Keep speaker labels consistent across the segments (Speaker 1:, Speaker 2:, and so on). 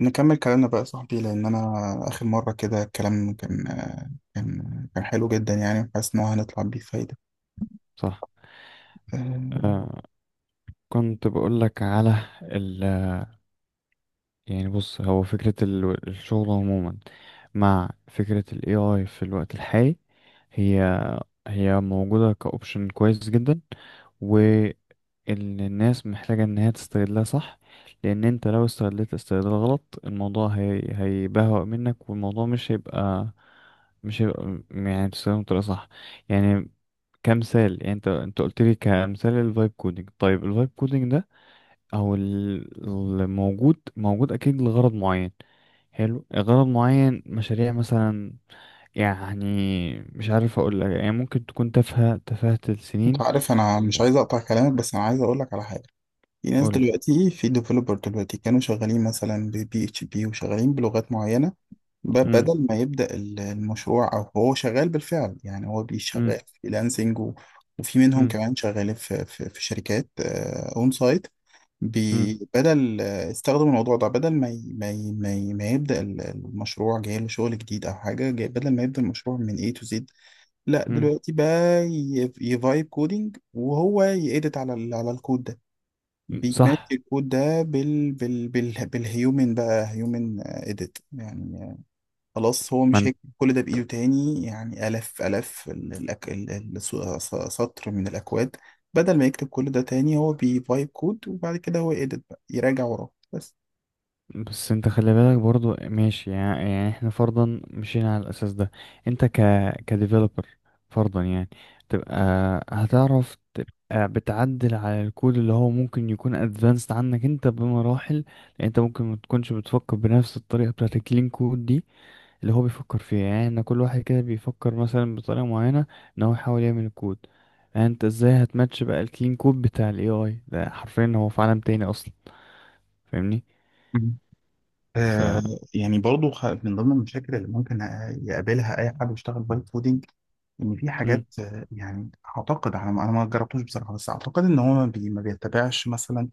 Speaker 1: نكمل كلامنا بقى يا صاحبي لأن أنا آخر مرة كده الكلام كان حلو جدا يعني وحاسس إن هو هنطلع بيه فايدة.
Speaker 2: صح.
Speaker 1: أم،
Speaker 2: كنت بقول لك على يعني، بص، هو فكرة الشغل عموما مع فكرة ال AI في الوقت الحالي. هي هي موجودة كأوبشن كويس جدا، والناس محتاجة ان هي تستغلها. صح. لان انت لو استغلت استغلال غلط، الموضوع هي هيبهوأ منك، والموضوع مش هيبقى يعني تستخدمه بطريقة صح. يعني كمثال، يعني انت قلت لي كمثال الفايب كودنج. طيب الفايب كودنج ده، او الموجود، موجود اكيد لغرض معين. حلو، غرض معين، مشاريع مثلا. يعني مش عارف اقول لك، يعني ممكن تكون تافهة تفاهة
Speaker 1: أنت
Speaker 2: السنين.
Speaker 1: عارف أنا مش عايز أقطع كلامك، بس أنا عايز أقولك على حاجة. في ناس
Speaker 2: قول.
Speaker 1: دلوقتي، في ديفلوبر دلوقتي كانوا شغالين مثلا ببي اتش بي وشغالين بلغات معينة.
Speaker 2: امم.
Speaker 1: بدل ما يبدأ المشروع، أو هو شغال بالفعل يعني هو بيشغال
Speaker 2: امم.
Speaker 1: فريلانسنج وفي منهم كمان شغالين في شركات أون سايت.
Speaker 2: امم.
Speaker 1: بدل استخدم الموضوع ده، بدل ما يبدأ المشروع، جاي له شغل جديد او حاجه، جاي بدل ما يبدأ المشروع من A to Z. لا
Speaker 2: امم.
Speaker 1: دلوقتي بقى يفايب كودينج وهو يأدت على ال على الكود ده، بيماتش
Speaker 2: صح.
Speaker 1: الكود ده بالهيومن، بقى هيومن اديت يعني. خلاص هو مش
Speaker 2: ما
Speaker 1: هيكتب كل ده بإيده تاني، يعني آلاف ال- الأك... ال- ال- س- س- سطر من الأكواد. بدل ما يكتب كل ده تاني هو بيفايب كود، وبعد كده هو يedit بقى، يراجع وراه بس.
Speaker 2: بس انت خلي بالك برضو ماشي يعني، يعني احنا فرضا مشينا على الاساس ده. انت كديفلوبر فرضا، يعني تبقى هتعرف تبقى بتعدل على الكود اللي هو ممكن يكون ادفانسد عنك انت بمراحل. لان انت ممكن ما تكونش بتفكر بنفس الطريقه بتاعت الكلين كود دي اللي هو بيفكر فيها. يعني احنا كل واحد كده بيفكر مثلا بطريقه معينه ان هو يحاول يعمل الكود. يعني انت ازاي هتماتش بقى الكلين كود بتاع الاي اي ده؟ حرفيا هو في عالم تاني اصلا. فاهمني؟
Speaker 1: مم.
Speaker 2: ف
Speaker 1: آه، يعني برضو من ضمن المشاكل اللي ممكن يقابلها اي حد بيشتغل بايب كودينج، ان في
Speaker 2: مم.
Speaker 1: حاجات يعني، اعتقد انا ما جربتوش بصراحه، بس اعتقد ان هو ما بيتبعش مثلا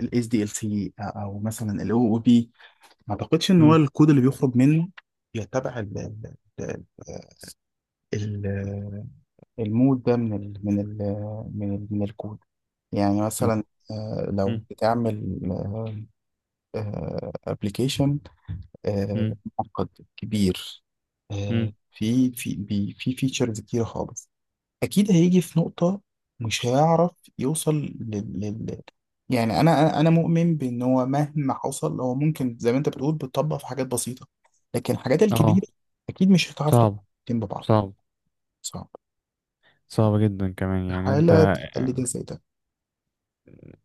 Speaker 1: الاس دي ال سي او، مثلا الاو او بي. ما اعتقدش ان هو
Speaker 2: مم.
Speaker 1: الكود اللي بيخرج منه يتبع ال ال- المود ده من الكود. يعني
Speaker 2: ما هو-
Speaker 1: مثلا، لو
Speaker 2: مم.
Speaker 1: بتعمل ابلكيشن
Speaker 2: مم.
Speaker 1: معقد كبير،
Speaker 2: مم.
Speaker 1: في في فيتشرز كتير خالص، اكيد هيجي في نقطة مش هيعرف يوصل لل... لل... يعني انا انا أنا مؤمن بان هو مهما حصل هو ممكن زي ما انت بتقول بتطبق في حاجات بسيطة، لكن الحاجات
Speaker 2: اه،
Speaker 1: الكبيرة اكيد مش هتعرف
Speaker 2: صعب،
Speaker 1: تطبقهم ببعض.
Speaker 2: صعب،
Speaker 1: صعب،
Speaker 2: صعب جدا كمان. يعني
Speaker 1: استحالة
Speaker 2: انت،
Speaker 1: تخلي ده زي ده.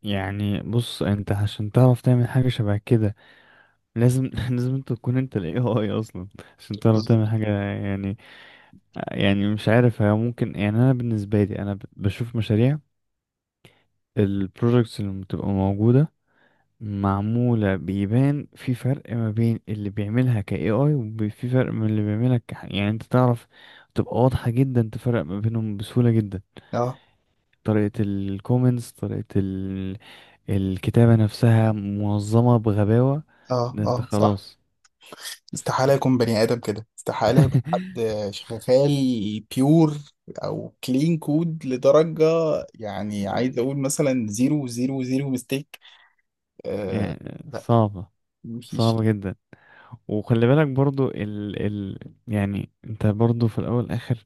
Speaker 2: يعني بص، انت عشان تعرف تعمل حاجة شبه كده لازم لازم انت تكون انت ال AI اصلا عشان تعرف
Speaker 1: بالظبط.
Speaker 2: تعمل حاجة. يعني، يعني مش عارف، هي ممكن، يعني انا بالنسبة لي، انا بشوف مشاريع. البروجكتس اللي بتبقى موجودة معمولة بيبان في فرق ما بين اللي بيعملها ك AI، وفي فرق من اللي بيعملها ك، يعني انت تعرف، تبقى واضحة جدا، تفرق ما بينهم بسهولة جدا.
Speaker 1: اه
Speaker 2: طريقة الكومنتس، طريقة الكتابة نفسها منظمة بغباوة. ده
Speaker 1: اه
Speaker 2: انت
Speaker 1: صح.
Speaker 2: خلاص.
Speaker 1: استحالة يكون بني آدم كده، استحالة يبقى حد شغال بيور او كلين كود لدرجة، يعني عايز اقول مثلا زيرو زيرو زيرو ميستيك. آه،
Speaker 2: يعني صعبة،
Speaker 1: مفيش.
Speaker 2: صعبة جدا. وخلي بالك برضو ال ال يعني انت برضو في الاول والاخر،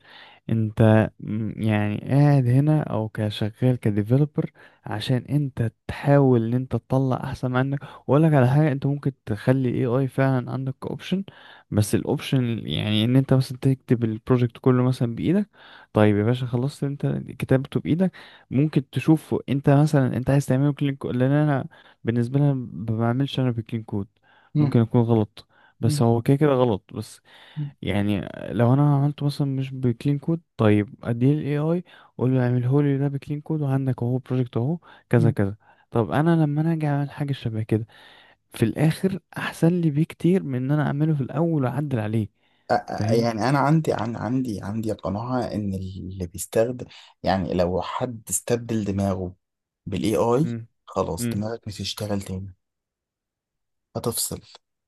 Speaker 2: انت يعني قاعد هنا او كشغال كديفلوبر عشان انت تحاول ان انت تطلع احسن ما عندك. واقول لك على حاجه، انت ممكن تخلي اي اي فعلا عندك اوبشن، بس الاوبشن يعني ان انت مثلا تكتب البروجكت كله مثلا بايدك. طيب يا باشا، خلصت انت كتابته بايدك. ممكن تشوفه انت مثلا، انت عايز تعمله كلين كود. لان انا بالنسبه لي، أنا ما بعملش انا بالكلين كود.
Speaker 1: مم.
Speaker 2: ممكن اكون غلط،
Speaker 1: مم.
Speaker 2: بس هو كده كده غلط بس.
Speaker 1: مم.
Speaker 2: يعني لو انا عملته مثلا مش بكلين كود، طيب اديه للاي اي، اقول له اعمله لي ده بكلين كود، وعندك اهو بروجكت اهو، كذا
Speaker 1: مم.
Speaker 2: كذا. طب انا لما انا اجي اعمل حاجه شبه كده، في الاخر احسن لي بكتير من ان انا اعمله في الاول واعدل عليه. فاهم.
Speaker 1: يعني انا عندي عن عندي عندي قناعة ان اللي بيستخدم، يعني لو حد استبدل دماغه بالاي اي،
Speaker 2: امم.
Speaker 1: خلاص
Speaker 2: امم.
Speaker 1: دماغك مش هتشتغل تاني، هتفصل.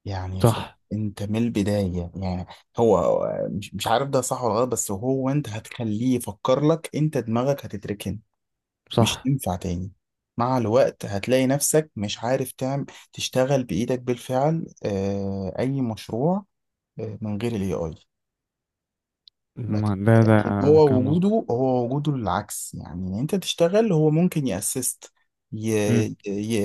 Speaker 1: يعني خلاص،
Speaker 2: صح.
Speaker 1: انت من البداية يعني. هو مش عارف ده صح ولا غلط، بس هو انت هتخليه يفكر لك، انت دماغك هتتركن، مش
Speaker 2: صح.
Speaker 1: تنفع تاني. مع الوقت هتلاقي نفسك مش عارف تعمل، تشتغل بإيدك بالفعل أي مشروع من غير الاي اي.
Speaker 2: ما
Speaker 1: لكن
Speaker 2: ده
Speaker 1: لكن هو
Speaker 2: كان مظبوط.
Speaker 1: وجوده، هو وجوده العكس يعني، إن انت تشتغل هو ممكن يأسست ي...
Speaker 2: امم.
Speaker 1: ي...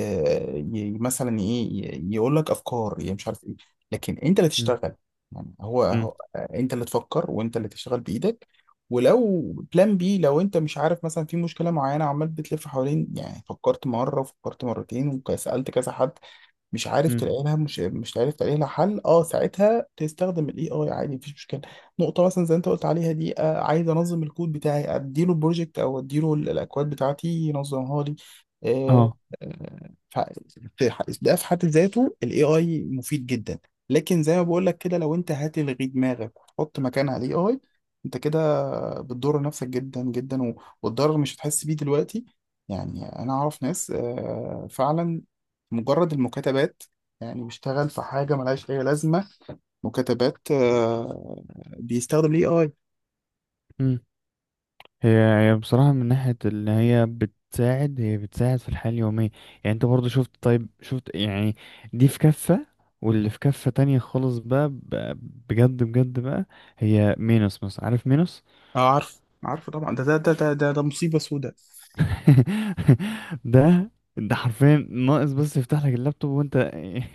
Speaker 1: مثلا ايه، يقول لك افكار يعني، مش عارف ايه. لكن انت اللي تشتغل، يعني
Speaker 2: امم.
Speaker 1: هو انت اللي تفكر وانت اللي تشتغل بايدك. ولو بلان بي، لو انت مش عارف مثلا في مشكله معينه، عمال بتلف حوالين يعني، فكرت مره وفكرت مرتين وسالت كذا حد، مش عارف
Speaker 2: امم.
Speaker 1: تلاقي لها، مش عارف تلاقي لها حل، اه ساعتها تستخدم الاي اي عادي، مفيش مشكله. نقطه مثلا زي انت قلت عليها دي، آه، عايز انظم الكود بتاعي، اديله بروجكت او اديله الاكواد بتاعتي ينظمها لي. آه.
Speaker 2: اه.
Speaker 1: آه ف- في ده في حد ذاته الاي اي مفيد جدا. لكن زي ما بقول لك كده، لو انت هتلغي دماغك وتحط مكانها الاي اي، انت كده بتضر نفسك جدا والضرر مش هتحس بيه دلوقتي. يعني انا اعرف ناس فعلا مجرد المكاتبات، يعني بيشتغل في حاجة ملهاش أي لازمة، مكاتبات، بيستخدم الاي اي.
Speaker 2: هي بصراحة، من ناحية اللي هي بتساعد، هي بتساعد في الحياة اليومية. يعني انت برضو شفت، طيب شفت، يعني دي في كفة، واللي في كفة تانية خالص بقى، بجد بجد بقى، هي مينوس مثلا. عارف مينوس؟
Speaker 1: اه، عارف، عارفه طبعا. ده ده مصيبة سودة.
Speaker 2: ده ده حرفيا ناقص، بس يفتح لك اللابتوب وانت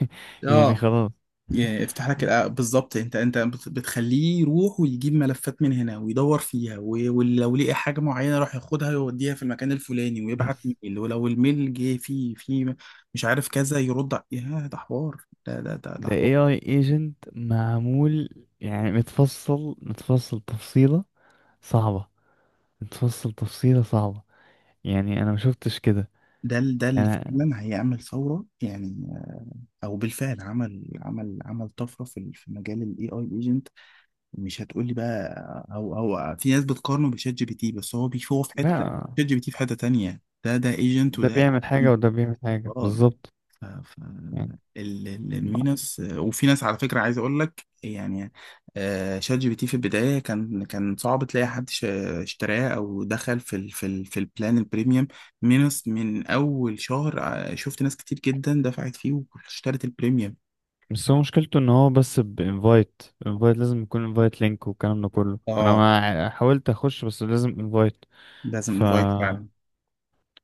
Speaker 2: يعني
Speaker 1: اه،
Speaker 2: خلاص.
Speaker 1: يعني افتح لك بالظبط. انت بتخليه يروح ويجيب ملفات من هنا ويدور فيها، ولو لقى حاجه معينه يروح ياخدها ويوديها في المكان الفلاني، ويبعت
Speaker 2: بس
Speaker 1: ميل، ولو الميل جه فيه مش عارف كذا، يرد يا ده حوار. ده
Speaker 2: ده
Speaker 1: حوار.
Speaker 2: AI agent معمول، يعني متفصل، متفصل تفصيلة صعبة، متفصل تفصيلة صعبة. يعني انا ما شفتش كده،
Speaker 1: ده اللي
Speaker 2: يعني
Speaker 1: فعلا هيعمل ثوره يعني، او بالفعل عمل طفره في في مجال الاي اي ايجنت. مش هتقول لي بقى، او في ناس بتقارنه بشات جي بي تي، بس هو في حته،
Speaker 2: لا.
Speaker 1: شات جي بي تي في حته تانية. ده ده ايجنت،
Speaker 2: ده
Speaker 1: وده
Speaker 2: بيعمل
Speaker 1: agent.
Speaker 2: حاجة وده بيعمل حاجة
Speaker 1: اه.
Speaker 2: بالظبط.
Speaker 1: ف ف
Speaker 2: يعني
Speaker 1: المينس. وفي ناس على فكره عايز اقول لك يعني، شات جي بي تي في البدايه كان صعب تلاقي حد اشتراه او دخل في البلان البريميوم مينس. من اول شهر شفت ناس كتير جدا دفعت فيه واشترت البريميوم.
Speaker 2: بس هو مشكلته ان هو بس بانفايت، انفايت لازم يكون انفايت لينك والكلام ده كله. انا
Speaker 1: اه،
Speaker 2: ما حاولت اخش، بس لازم انفايت.
Speaker 1: لازم
Speaker 2: ف
Speaker 1: انفايت فعلا.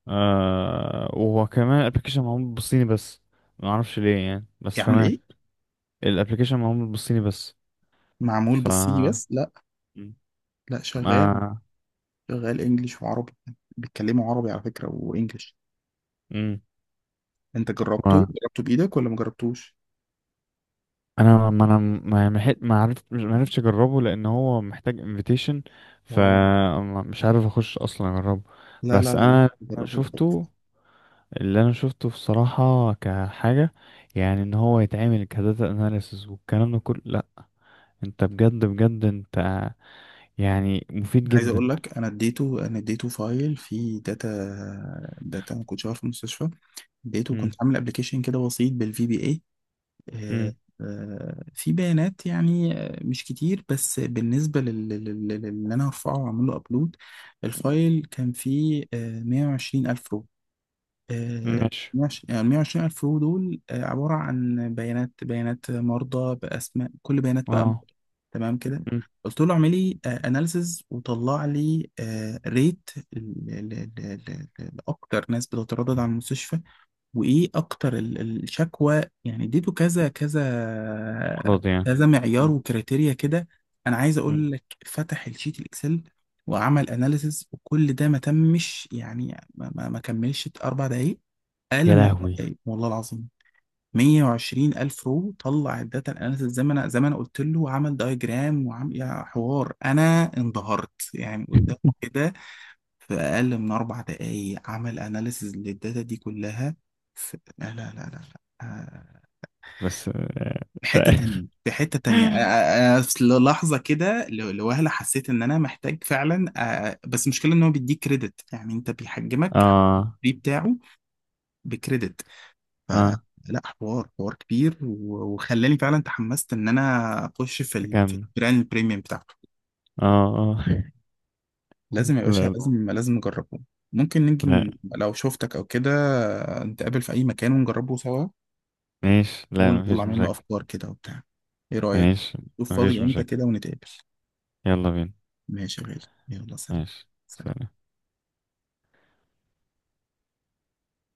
Speaker 2: وكمان الابلكيشن معمول بالصيني بس. ما اعرفش ليه، يعني، بس
Speaker 1: يعمل
Speaker 2: تمام.
Speaker 1: ايه؟
Speaker 2: الابلكيشن معمول بالصيني بس.
Speaker 1: معمول
Speaker 2: ف
Speaker 1: بالصيني بس؟ لا، لا، شغال
Speaker 2: ما
Speaker 1: شغال انجليش وعربي. بيتكلموا عربي على فكرة وانجليش.
Speaker 2: مم.
Speaker 1: انت جربته، جربته بايدك ولا ما جربتوش؟
Speaker 2: انا ما انا ما ما حت- ما عرفت ما عرفتش اجربه لان هو محتاج انفيتيشن.
Speaker 1: اه.
Speaker 2: فمش عارف اخش اصلا اجربه.
Speaker 1: لا لا
Speaker 2: بس
Speaker 1: لا لا،
Speaker 2: أنا
Speaker 1: جربه، ده
Speaker 2: شفته،
Speaker 1: تحفة.
Speaker 2: اللي انا شفته بصراحة كحاجة، يعني ان هو يتعمل كداتا اناليسز والكلام ده كله، لا. انت بجد، بجد، انت يعني مفيد
Speaker 1: عايز
Speaker 2: جدا.
Speaker 1: اقول لك، انا اديته، انا اديته فايل فيه داتا، داتا ما كنتش عارف في المستشفى. اديته، كنت
Speaker 2: امم.
Speaker 1: عامل ابلكيشن كده بسيط بالفي بي اي، آه،
Speaker 2: امم.
Speaker 1: في بيانات يعني، مش كتير، بس بالنسبة للي أنا هرفعه وأعمله أبلود، الفايل كان فيه مية وعشرين ألف رو. آه،
Speaker 2: ماشي.
Speaker 1: مية وعشرين يعني، مية وعشرين ألف رو دول عبارة عن بيانات، بيانات مرضى بأسماء، كل بيانات بقى.
Speaker 2: اه.
Speaker 1: تمام كده.
Speaker 2: مم.
Speaker 1: قلت له اعمل لي اناليسز، وطلع لي ريت لاكتر ناس بتتردد على المستشفى، وايه اكتر الشكوى يعني. اديته كذا كذا
Speaker 2: مرض يعني.
Speaker 1: كذا معيار
Speaker 2: مم.
Speaker 1: وكريتيريا كده. انا عايز
Speaker 2: مم.
Speaker 1: اقول لك، فتح الشيت الاكسل وعمل اناليسز وكل ده، ما تمش يعني، ما كملش اربع دقايق. اقل
Speaker 2: يا
Speaker 1: من اربع
Speaker 2: لهوي.
Speaker 1: دقايق والله العظيم. 120 الف رو طلع الداتا اناليسز زي ما انا، زي ما انا قلت له، وعمل دايجرام، وعمل يا حوار، انا انبهرت يعني قدامه كده. في أقل من أربع دقايق عمل أناليسز للداتا دي كلها. في... لا لا لا لا لا.
Speaker 2: بس
Speaker 1: في
Speaker 2: مش
Speaker 1: حتة
Speaker 2: عارف.
Speaker 1: تانية، أنا في لحظة كده لوهلة حسيت إن أنا محتاج فعلا. آه، بس المشكلة إن هو بيديك كريدت، يعني أنت بيحجمك.
Speaker 2: اه.
Speaker 1: الفري بتاعه بكريدت. ف
Speaker 2: اه.
Speaker 1: لا، حوار كبير، وخلاني فعلا تحمست إن أنا أخش في في
Speaker 2: تكمل.
Speaker 1: البراند البريميوم بتاعته.
Speaker 2: اه، اه.
Speaker 1: لازم يا باشا،
Speaker 2: لا،
Speaker 1: لازم لازم نجربه.
Speaker 2: لا،
Speaker 1: يمكن لو شفتك او كده، نتقابل في اي مكان ونجربه سوا،
Speaker 2: ماشي. لا،
Speaker 1: ونطلع
Speaker 2: مفيش
Speaker 1: منه
Speaker 2: مشاكل.
Speaker 1: افكار كده وبتاع. ايه رأيك؟
Speaker 2: ماشي،
Speaker 1: شوف
Speaker 2: مفيش
Speaker 1: فاضي امتى
Speaker 2: مشاكل.
Speaker 1: كده ونتقابل.
Speaker 2: يلا بينا.
Speaker 1: ماشي يا غالي، يلا سلام.
Speaker 2: ماشي.
Speaker 1: سلام.
Speaker 2: سلام.